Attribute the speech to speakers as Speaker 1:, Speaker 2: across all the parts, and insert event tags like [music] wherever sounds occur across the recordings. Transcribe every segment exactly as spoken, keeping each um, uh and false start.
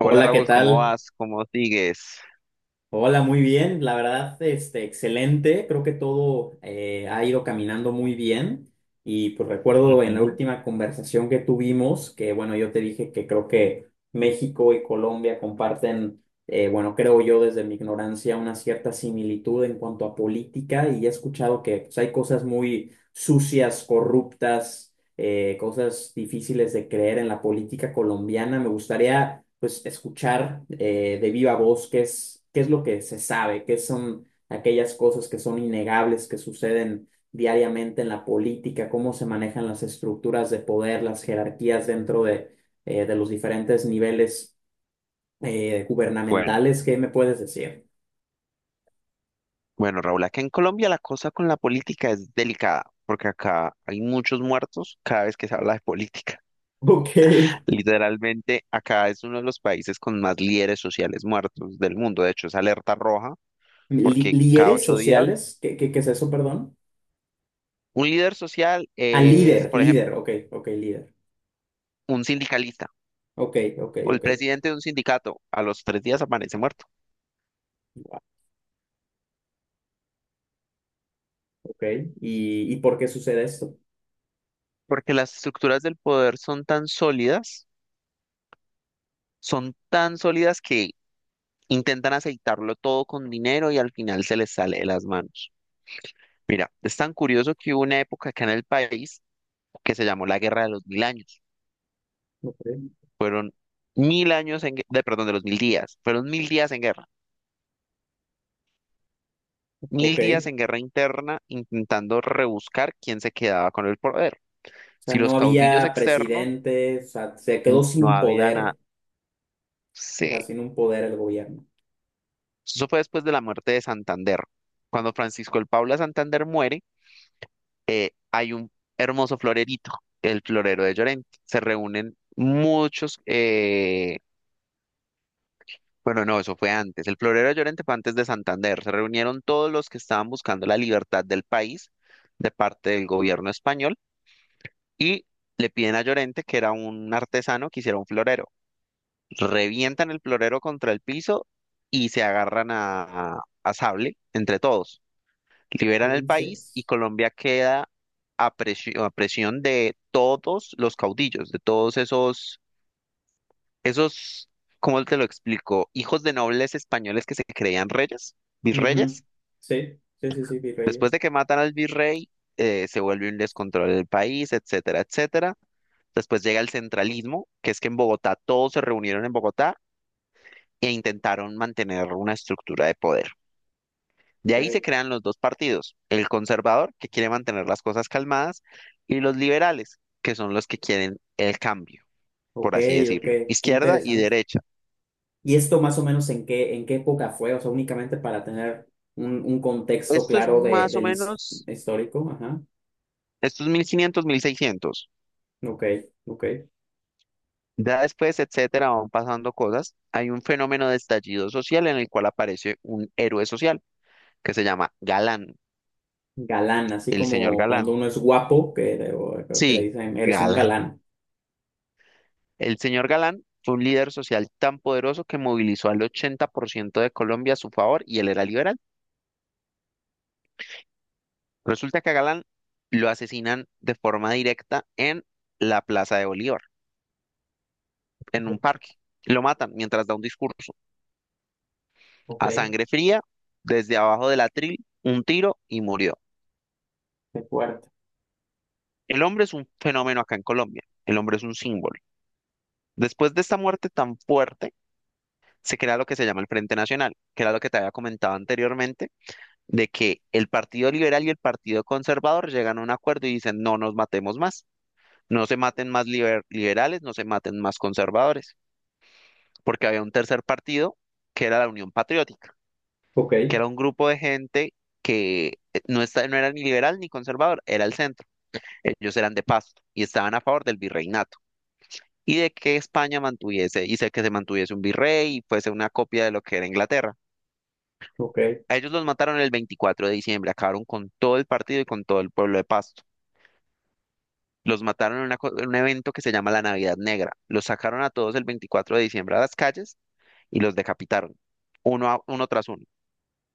Speaker 1: Hola
Speaker 2: Hola, ¿qué
Speaker 1: Raúl, ¿cómo
Speaker 2: tal?
Speaker 1: vas? ¿Cómo sigues?
Speaker 2: Hola, muy bien. La verdad, este, excelente. Creo que todo eh, ha ido caminando muy bien. Y pues recuerdo en la
Speaker 1: Ujú.
Speaker 2: última conversación que tuvimos, que bueno, yo te dije que creo que México y Colombia comparten, eh, bueno, creo yo desde mi ignorancia, una cierta similitud en cuanto a política. Y he escuchado que pues, hay cosas muy sucias, corruptas, eh, cosas difíciles de creer en la política colombiana. Me gustaría, pues, escuchar, eh, de viva voz qué es, qué es lo que se sabe, qué son aquellas cosas que son innegables, que suceden diariamente en la política, cómo se manejan las estructuras de poder, las jerarquías dentro de, eh, de los diferentes niveles eh,
Speaker 1: Bueno,
Speaker 2: gubernamentales. ¿Qué me puedes decir? [laughs]
Speaker 1: bueno Raúl, acá en Colombia la cosa con la política es delicada, porque acá hay muchos muertos cada vez que se habla de política.
Speaker 2: Ok.
Speaker 1: [laughs] Literalmente, acá es uno de los países con más líderes sociales muertos del mundo. De hecho, es alerta roja,
Speaker 2: Li-
Speaker 1: porque cada
Speaker 2: ¿Líderes
Speaker 1: ocho días
Speaker 2: sociales? ¿Qué, qué, qué es eso, perdón?
Speaker 1: un líder social
Speaker 2: Ah,
Speaker 1: es,
Speaker 2: líder,
Speaker 1: por
Speaker 2: líder,
Speaker 1: ejemplo,
Speaker 2: ok, ok, líder.
Speaker 1: un sindicalista
Speaker 2: Ok, ok,
Speaker 1: o el
Speaker 2: ok.
Speaker 1: presidente de un sindicato. A los tres días aparece muerto,
Speaker 2: Ok, ¿Y, y por qué sucede esto?
Speaker 1: porque las estructuras del poder son tan sólidas, son tan sólidas que intentan aceitarlo todo con dinero y al final se les sale de las manos. Mira, es tan curioso que hubo una época acá en el país que se llamó la Guerra de los Mil Años.
Speaker 2: Ok.
Speaker 1: Fueron mil años en, gue- de, perdón, de los mil días. Fueron mil días en guerra. Mil días
Speaker 2: Ok.
Speaker 1: en guerra interna intentando rebuscar quién se quedaba con el poder.
Speaker 2: O sea,
Speaker 1: Si los
Speaker 2: no
Speaker 1: caudillos
Speaker 2: había
Speaker 1: externos
Speaker 2: presidente, o sea, se quedó
Speaker 1: no
Speaker 2: sin
Speaker 1: había nada.
Speaker 2: poder, o sea,
Speaker 1: Sí.
Speaker 2: sin un poder el gobierno.
Speaker 1: Eso fue después de la muerte de Santander. Cuando Francisco el Paula Santander muere, hay un hermoso florerito, el florero de Llorente. Se reúnen muchos, eh, bueno, no, eso fue antes. El florero de Llorente fue antes de Santander. Se reunieron todos los que estaban buscando la libertad del país de parte del gobierno español y le piden a Llorente, que era un artesano, que hiciera un florero. Revientan el florero contra el piso y se agarran a, a sable entre todos.
Speaker 2: ¿Qué
Speaker 1: Liberan el país y
Speaker 2: dices?
Speaker 1: Colombia queda a presión, a presión de todos los caudillos, de todos esos, esos, ¿cómo te lo explico? Hijos de nobles españoles que se creían reyes,
Speaker 2: Ujú.
Speaker 1: virreyes.
Speaker 2: Sí, sí, sí, sí, virreyes.
Speaker 1: Después de que matan al virrey, eh, se vuelve un descontrol del país, etcétera, etcétera. Después llega el centralismo, que es que en Bogotá todos se reunieron en Bogotá e intentaron mantener una estructura de poder. De ahí se
Speaker 2: Ok,
Speaker 1: crean los dos partidos, el conservador, que quiere mantener las cosas calmadas, y los liberales, que son los que quieren el cambio,
Speaker 2: ok,
Speaker 1: por así
Speaker 2: ok,
Speaker 1: decirlo,
Speaker 2: qué
Speaker 1: izquierda y
Speaker 2: interesante.
Speaker 1: derecha.
Speaker 2: ¿Y esto más o menos en qué, en qué época fue? O sea, únicamente para tener un, un contexto
Speaker 1: Esto es
Speaker 2: claro de,
Speaker 1: más o
Speaker 2: del his-
Speaker 1: menos,
Speaker 2: histórico. Ajá.
Speaker 1: estos mil quinientos, mil seiscientos.
Speaker 2: Ok, ok.
Speaker 1: Ya después, etcétera, van pasando cosas. Hay un fenómeno de estallido social en el cual aparece un héroe social que se llama Galán,
Speaker 2: Galán, así
Speaker 1: el señor
Speaker 2: como cuando
Speaker 1: Galán.
Speaker 2: uno es guapo, que, o- creo que le
Speaker 1: Sí,
Speaker 2: dicen, eres un
Speaker 1: Galán.
Speaker 2: galán.
Speaker 1: El señor Galán fue un líder social tan poderoso que movilizó al ochenta por ciento de Colombia a su favor y él era liberal. Resulta que a Galán lo asesinan de forma directa en la Plaza de Bolívar, en un parque. Lo matan mientras da un discurso.
Speaker 2: Ok.
Speaker 1: A sangre fría, desde abajo del atril, un tiro y murió.
Speaker 2: De cuarto.
Speaker 1: El hombre es un fenómeno acá en Colombia. El hombre es un símbolo. Después de esta muerte tan fuerte, se crea lo que se llama el Frente Nacional, que era lo que te había comentado anteriormente de que el Partido Liberal y el Partido Conservador llegan a un acuerdo y dicen, no nos matemos más, no se maten más liber- liberales, no se maten más conservadores, porque había un tercer partido que era la Unión Patriótica,
Speaker 2: Ok,
Speaker 1: que era un grupo de gente que eh, no, está, no era ni liberal ni conservador, era el centro, ellos eran de Pasto y estaban a favor del virreinato y de que España mantuviese, y sé que se mantuviese un virrey y fuese una copia de lo que era Inglaterra.
Speaker 2: ok.
Speaker 1: A ellos los mataron el veinticuatro de diciembre, acabaron con todo el partido y con todo el pueblo de Pasto. Los mataron en, una co- en un evento que se llama la Navidad Negra. Los sacaron a todos el veinticuatro de diciembre a las calles y los decapitaron, uno, a- uno tras uno.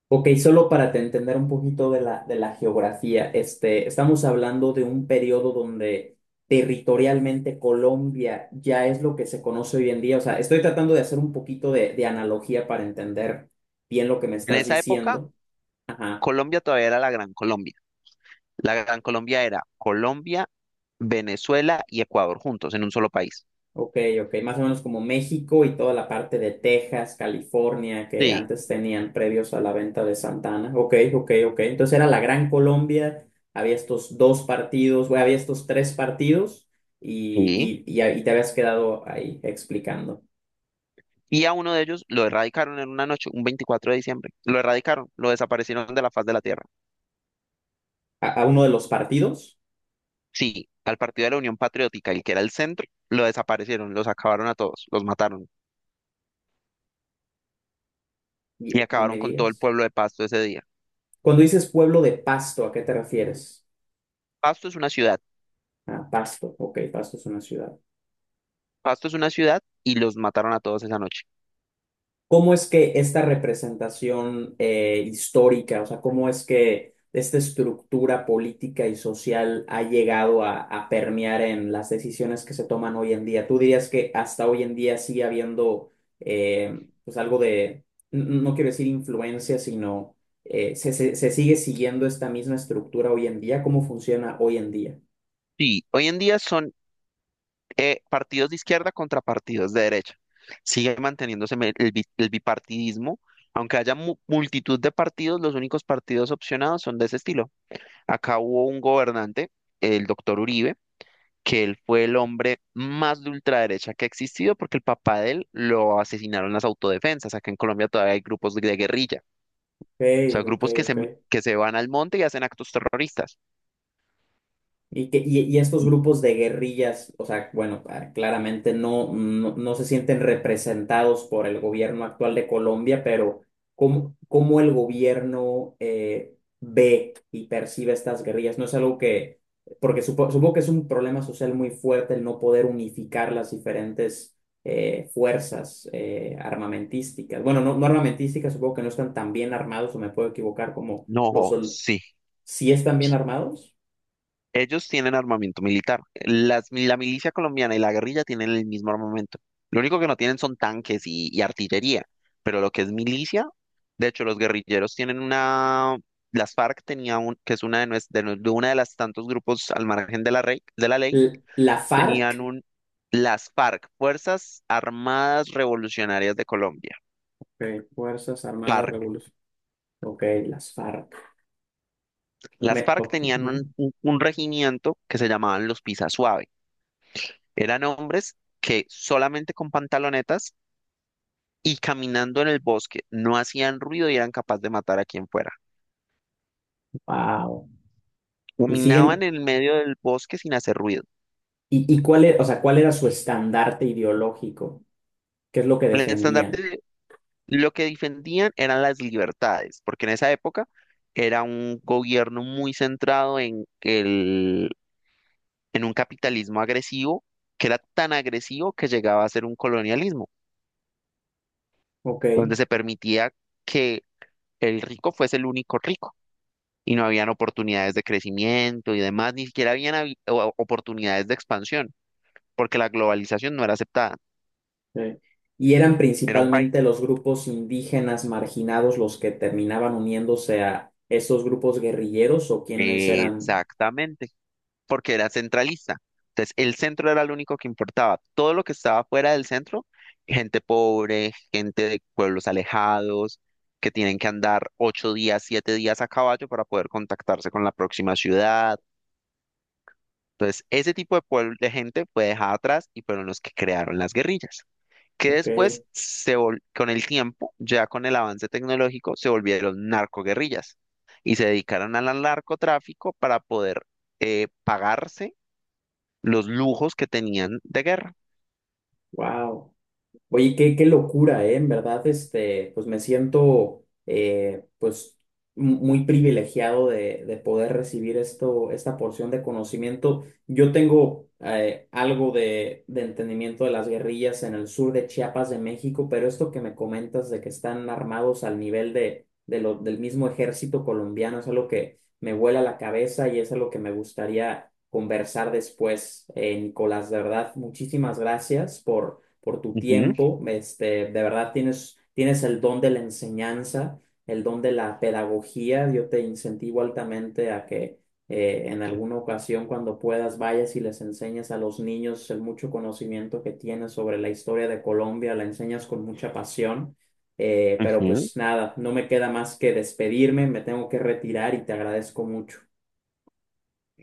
Speaker 2: Ok, solo para te entender un poquito de la, de la geografía, este, estamos hablando de un periodo donde territorialmente Colombia ya es lo que se conoce hoy en día. O sea, estoy tratando de hacer un poquito de, de analogía para entender bien lo que me
Speaker 1: En
Speaker 2: estás
Speaker 1: esa época,
Speaker 2: diciendo. Ajá.
Speaker 1: Colombia todavía era la Gran Colombia. La Gran Colombia era Colombia, Venezuela y Ecuador juntos en un solo país.
Speaker 2: Ok, ok, más o menos como México y toda la parte de Texas, California, que
Speaker 1: Sí,
Speaker 2: antes tenían previos a la venta de Santana. Ok, ok, ok. Entonces era la Gran Colombia, había estos dos partidos, bueno, había estos tres partidos
Speaker 1: sí.
Speaker 2: y, y, y, ahí te habías quedado ahí explicando.
Speaker 1: Y a uno de ellos lo erradicaron en una noche, un veinticuatro de diciembre. Lo erradicaron, lo desaparecieron de la faz de la tierra.
Speaker 2: A, a uno de los partidos,
Speaker 1: Sí, al Partido de la Unión Patriótica, el que era el centro, lo desaparecieron, los acabaron a todos, los mataron
Speaker 2: y-
Speaker 1: y
Speaker 2: no me
Speaker 1: acabaron con todo el
Speaker 2: digas.
Speaker 1: pueblo de Pasto ese día.
Speaker 2: Cuando dices pueblo de Pasto, ¿a qué te refieres?
Speaker 1: Pasto es una ciudad.
Speaker 2: Ah, Pasto, ok, Pasto es una ciudad.
Speaker 1: Pasto es una ciudad y los mataron a todos esa noche.
Speaker 2: ¿Cómo es que esta representación, eh, histórica, o sea, cómo es que esta estructura política y social ha llegado a, a permear en las decisiones que se toman hoy en día? ¿Tú dirías que hasta hoy en día sigue habiendo, eh, pues algo de, n- no quiero decir influencia, sino, eh, se, se- se sigue siguiendo esta misma estructura hoy en día? ¿Cómo funciona hoy en día?
Speaker 1: Sí, hoy en día son eh, partidos de izquierda contra partidos de derecha. Sigue manteniéndose me- el, bi- el bipartidismo. Aunque haya mu- multitud de partidos, los únicos partidos opcionados son de ese estilo. Acá hubo un gobernante, el doctor Uribe, que él fue el hombre más de ultraderecha que ha existido porque el papá de él lo asesinaron las autodefensas. Acá en Colombia todavía hay grupos de guerrilla,
Speaker 2: Ok,
Speaker 1: o sea,
Speaker 2: ok,
Speaker 1: grupos que se,
Speaker 2: ok.
Speaker 1: que se van al monte y hacen actos terroristas.
Speaker 2: Y, que, y, y estos grupos de guerrillas, o sea, bueno, ah, claramente no, no, no se sienten representados por el gobierno actual de Colombia, pero ¿cómo, cómo el gobierno, eh, ve y percibe estas guerrillas? No es algo que, porque supo- supongo que es un problema social muy fuerte el no poder unificar las diferentes, eh, fuerzas, eh, armamentísticas. Bueno, no, no armamentísticas, supongo que no están tan bien armados, o me puedo equivocar, como los...
Speaker 1: No,
Speaker 2: sol-
Speaker 1: sí.
Speaker 2: ¿Sí están bien armados?
Speaker 1: Ellos tienen armamento militar. Las, la milicia colombiana y la guerrilla tienen el mismo armamento. Lo único que no tienen son tanques y, y artillería, pero lo que es milicia, de hecho, los guerrilleros tienen una, las F A R C tenía un, que es una de, nues- de, nu- de una de las tantos grupos al margen de la rey, de la ley,
Speaker 2: L- ¿La
Speaker 1: tenían
Speaker 2: FARC?
Speaker 1: un, las F A R C, Fuerzas Armadas Revolucionarias de Colombia,
Speaker 2: Ok, Fuerzas Armadas
Speaker 1: F A R C.
Speaker 2: Revolucionarias. Ok, las FARC.
Speaker 1: Las
Speaker 2: Me-
Speaker 1: F A R C
Speaker 2: o-
Speaker 1: tenían
Speaker 2: ujú.
Speaker 1: un, un, un regimiento que se llamaban los Pisa. Eran hombres que solamente con pantalonetas y caminando en el bosque no hacían ruido y eran capaces de matar a quien fuera.
Speaker 2: Wow. Y
Speaker 1: Caminaban
Speaker 2: siguen,
Speaker 1: en el medio del bosque sin hacer ruido.
Speaker 2: y, y cuál era, o sea, cuál era su estandarte ideológico, qué es lo que
Speaker 1: El estandarte,
Speaker 2: defendían.
Speaker 1: de- lo que defendían eran las libertades, porque en esa época era un gobierno muy centrado en el, en un capitalismo agresivo, que era tan agresivo que llegaba a ser un colonialismo,
Speaker 2: Ok.
Speaker 1: donde se permitía que el rico fuese el único rico. Y no habían oportunidades de crecimiento y demás, ni siquiera habían habi- o- oportunidades de expansión, porque la globalización no era aceptada.
Speaker 2: Sí. Y eran
Speaker 1: Era un país.
Speaker 2: principalmente los grupos indígenas marginados los que terminaban uniéndose a esos grupos guerrilleros o quienes eran.
Speaker 1: Exactamente, porque era centralista. Entonces, el centro era lo único que importaba. Todo lo que estaba fuera del centro, gente pobre, gente de pueblos alejados, que tienen que andar ocho días, siete días a caballo para poder contactarse con la próxima ciudad. Entonces, ese tipo de pueblo, de gente fue dejada atrás y fueron los que crearon las guerrillas, que
Speaker 2: Ok,
Speaker 1: después, se vol- con el tiempo, ya con el avance tecnológico, se volvieron narcoguerrillas y se dedicaron al narcotráfico para poder eh, pagarse los lujos que tenían de guerra.
Speaker 2: wow. Oye, qué, qué locura, ¿eh? En verdad, este, pues me siento, eh, pues, mu- muy privilegiado de, de poder recibir esto, esta porción de conocimiento. Yo tengo, eh, algo de, de entendimiento de las guerrillas en el sur de Chiapas de México, pero esto que me comentas de que están armados al nivel de, de lo, del mismo ejército colombiano es algo que me vuela la cabeza y es algo que me gustaría conversar después, eh, Nicolás. De verdad, muchísimas gracias por por tu
Speaker 1: Ujú,
Speaker 2: tiempo. Este, de verdad tienes, tienes el don de la enseñanza, el don de la pedagogía. Yo te incentivo altamente a que, eh, en alguna ocasión, cuando puedas, vayas y les enseñes a los niños el mucho conocimiento que tienes sobre la historia de Colombia, la enseñas con mucha pasión. Eh, pero
Speaker 1: ujú.
Speaker 2: pues nada, no me queda más que despedirme, me tengo que retirar y te agradezco mucho.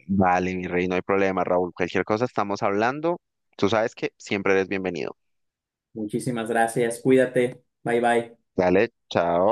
Speaker 1: Vale, mi rey, no hay problema, Raúl. Cualquier cosa estamos hablando. Tú sabes que siempre eres bienvenido.
Speaker 2: Muchísimas gracias, cuídate, bye bye.
Speaker 1: Dale, chao.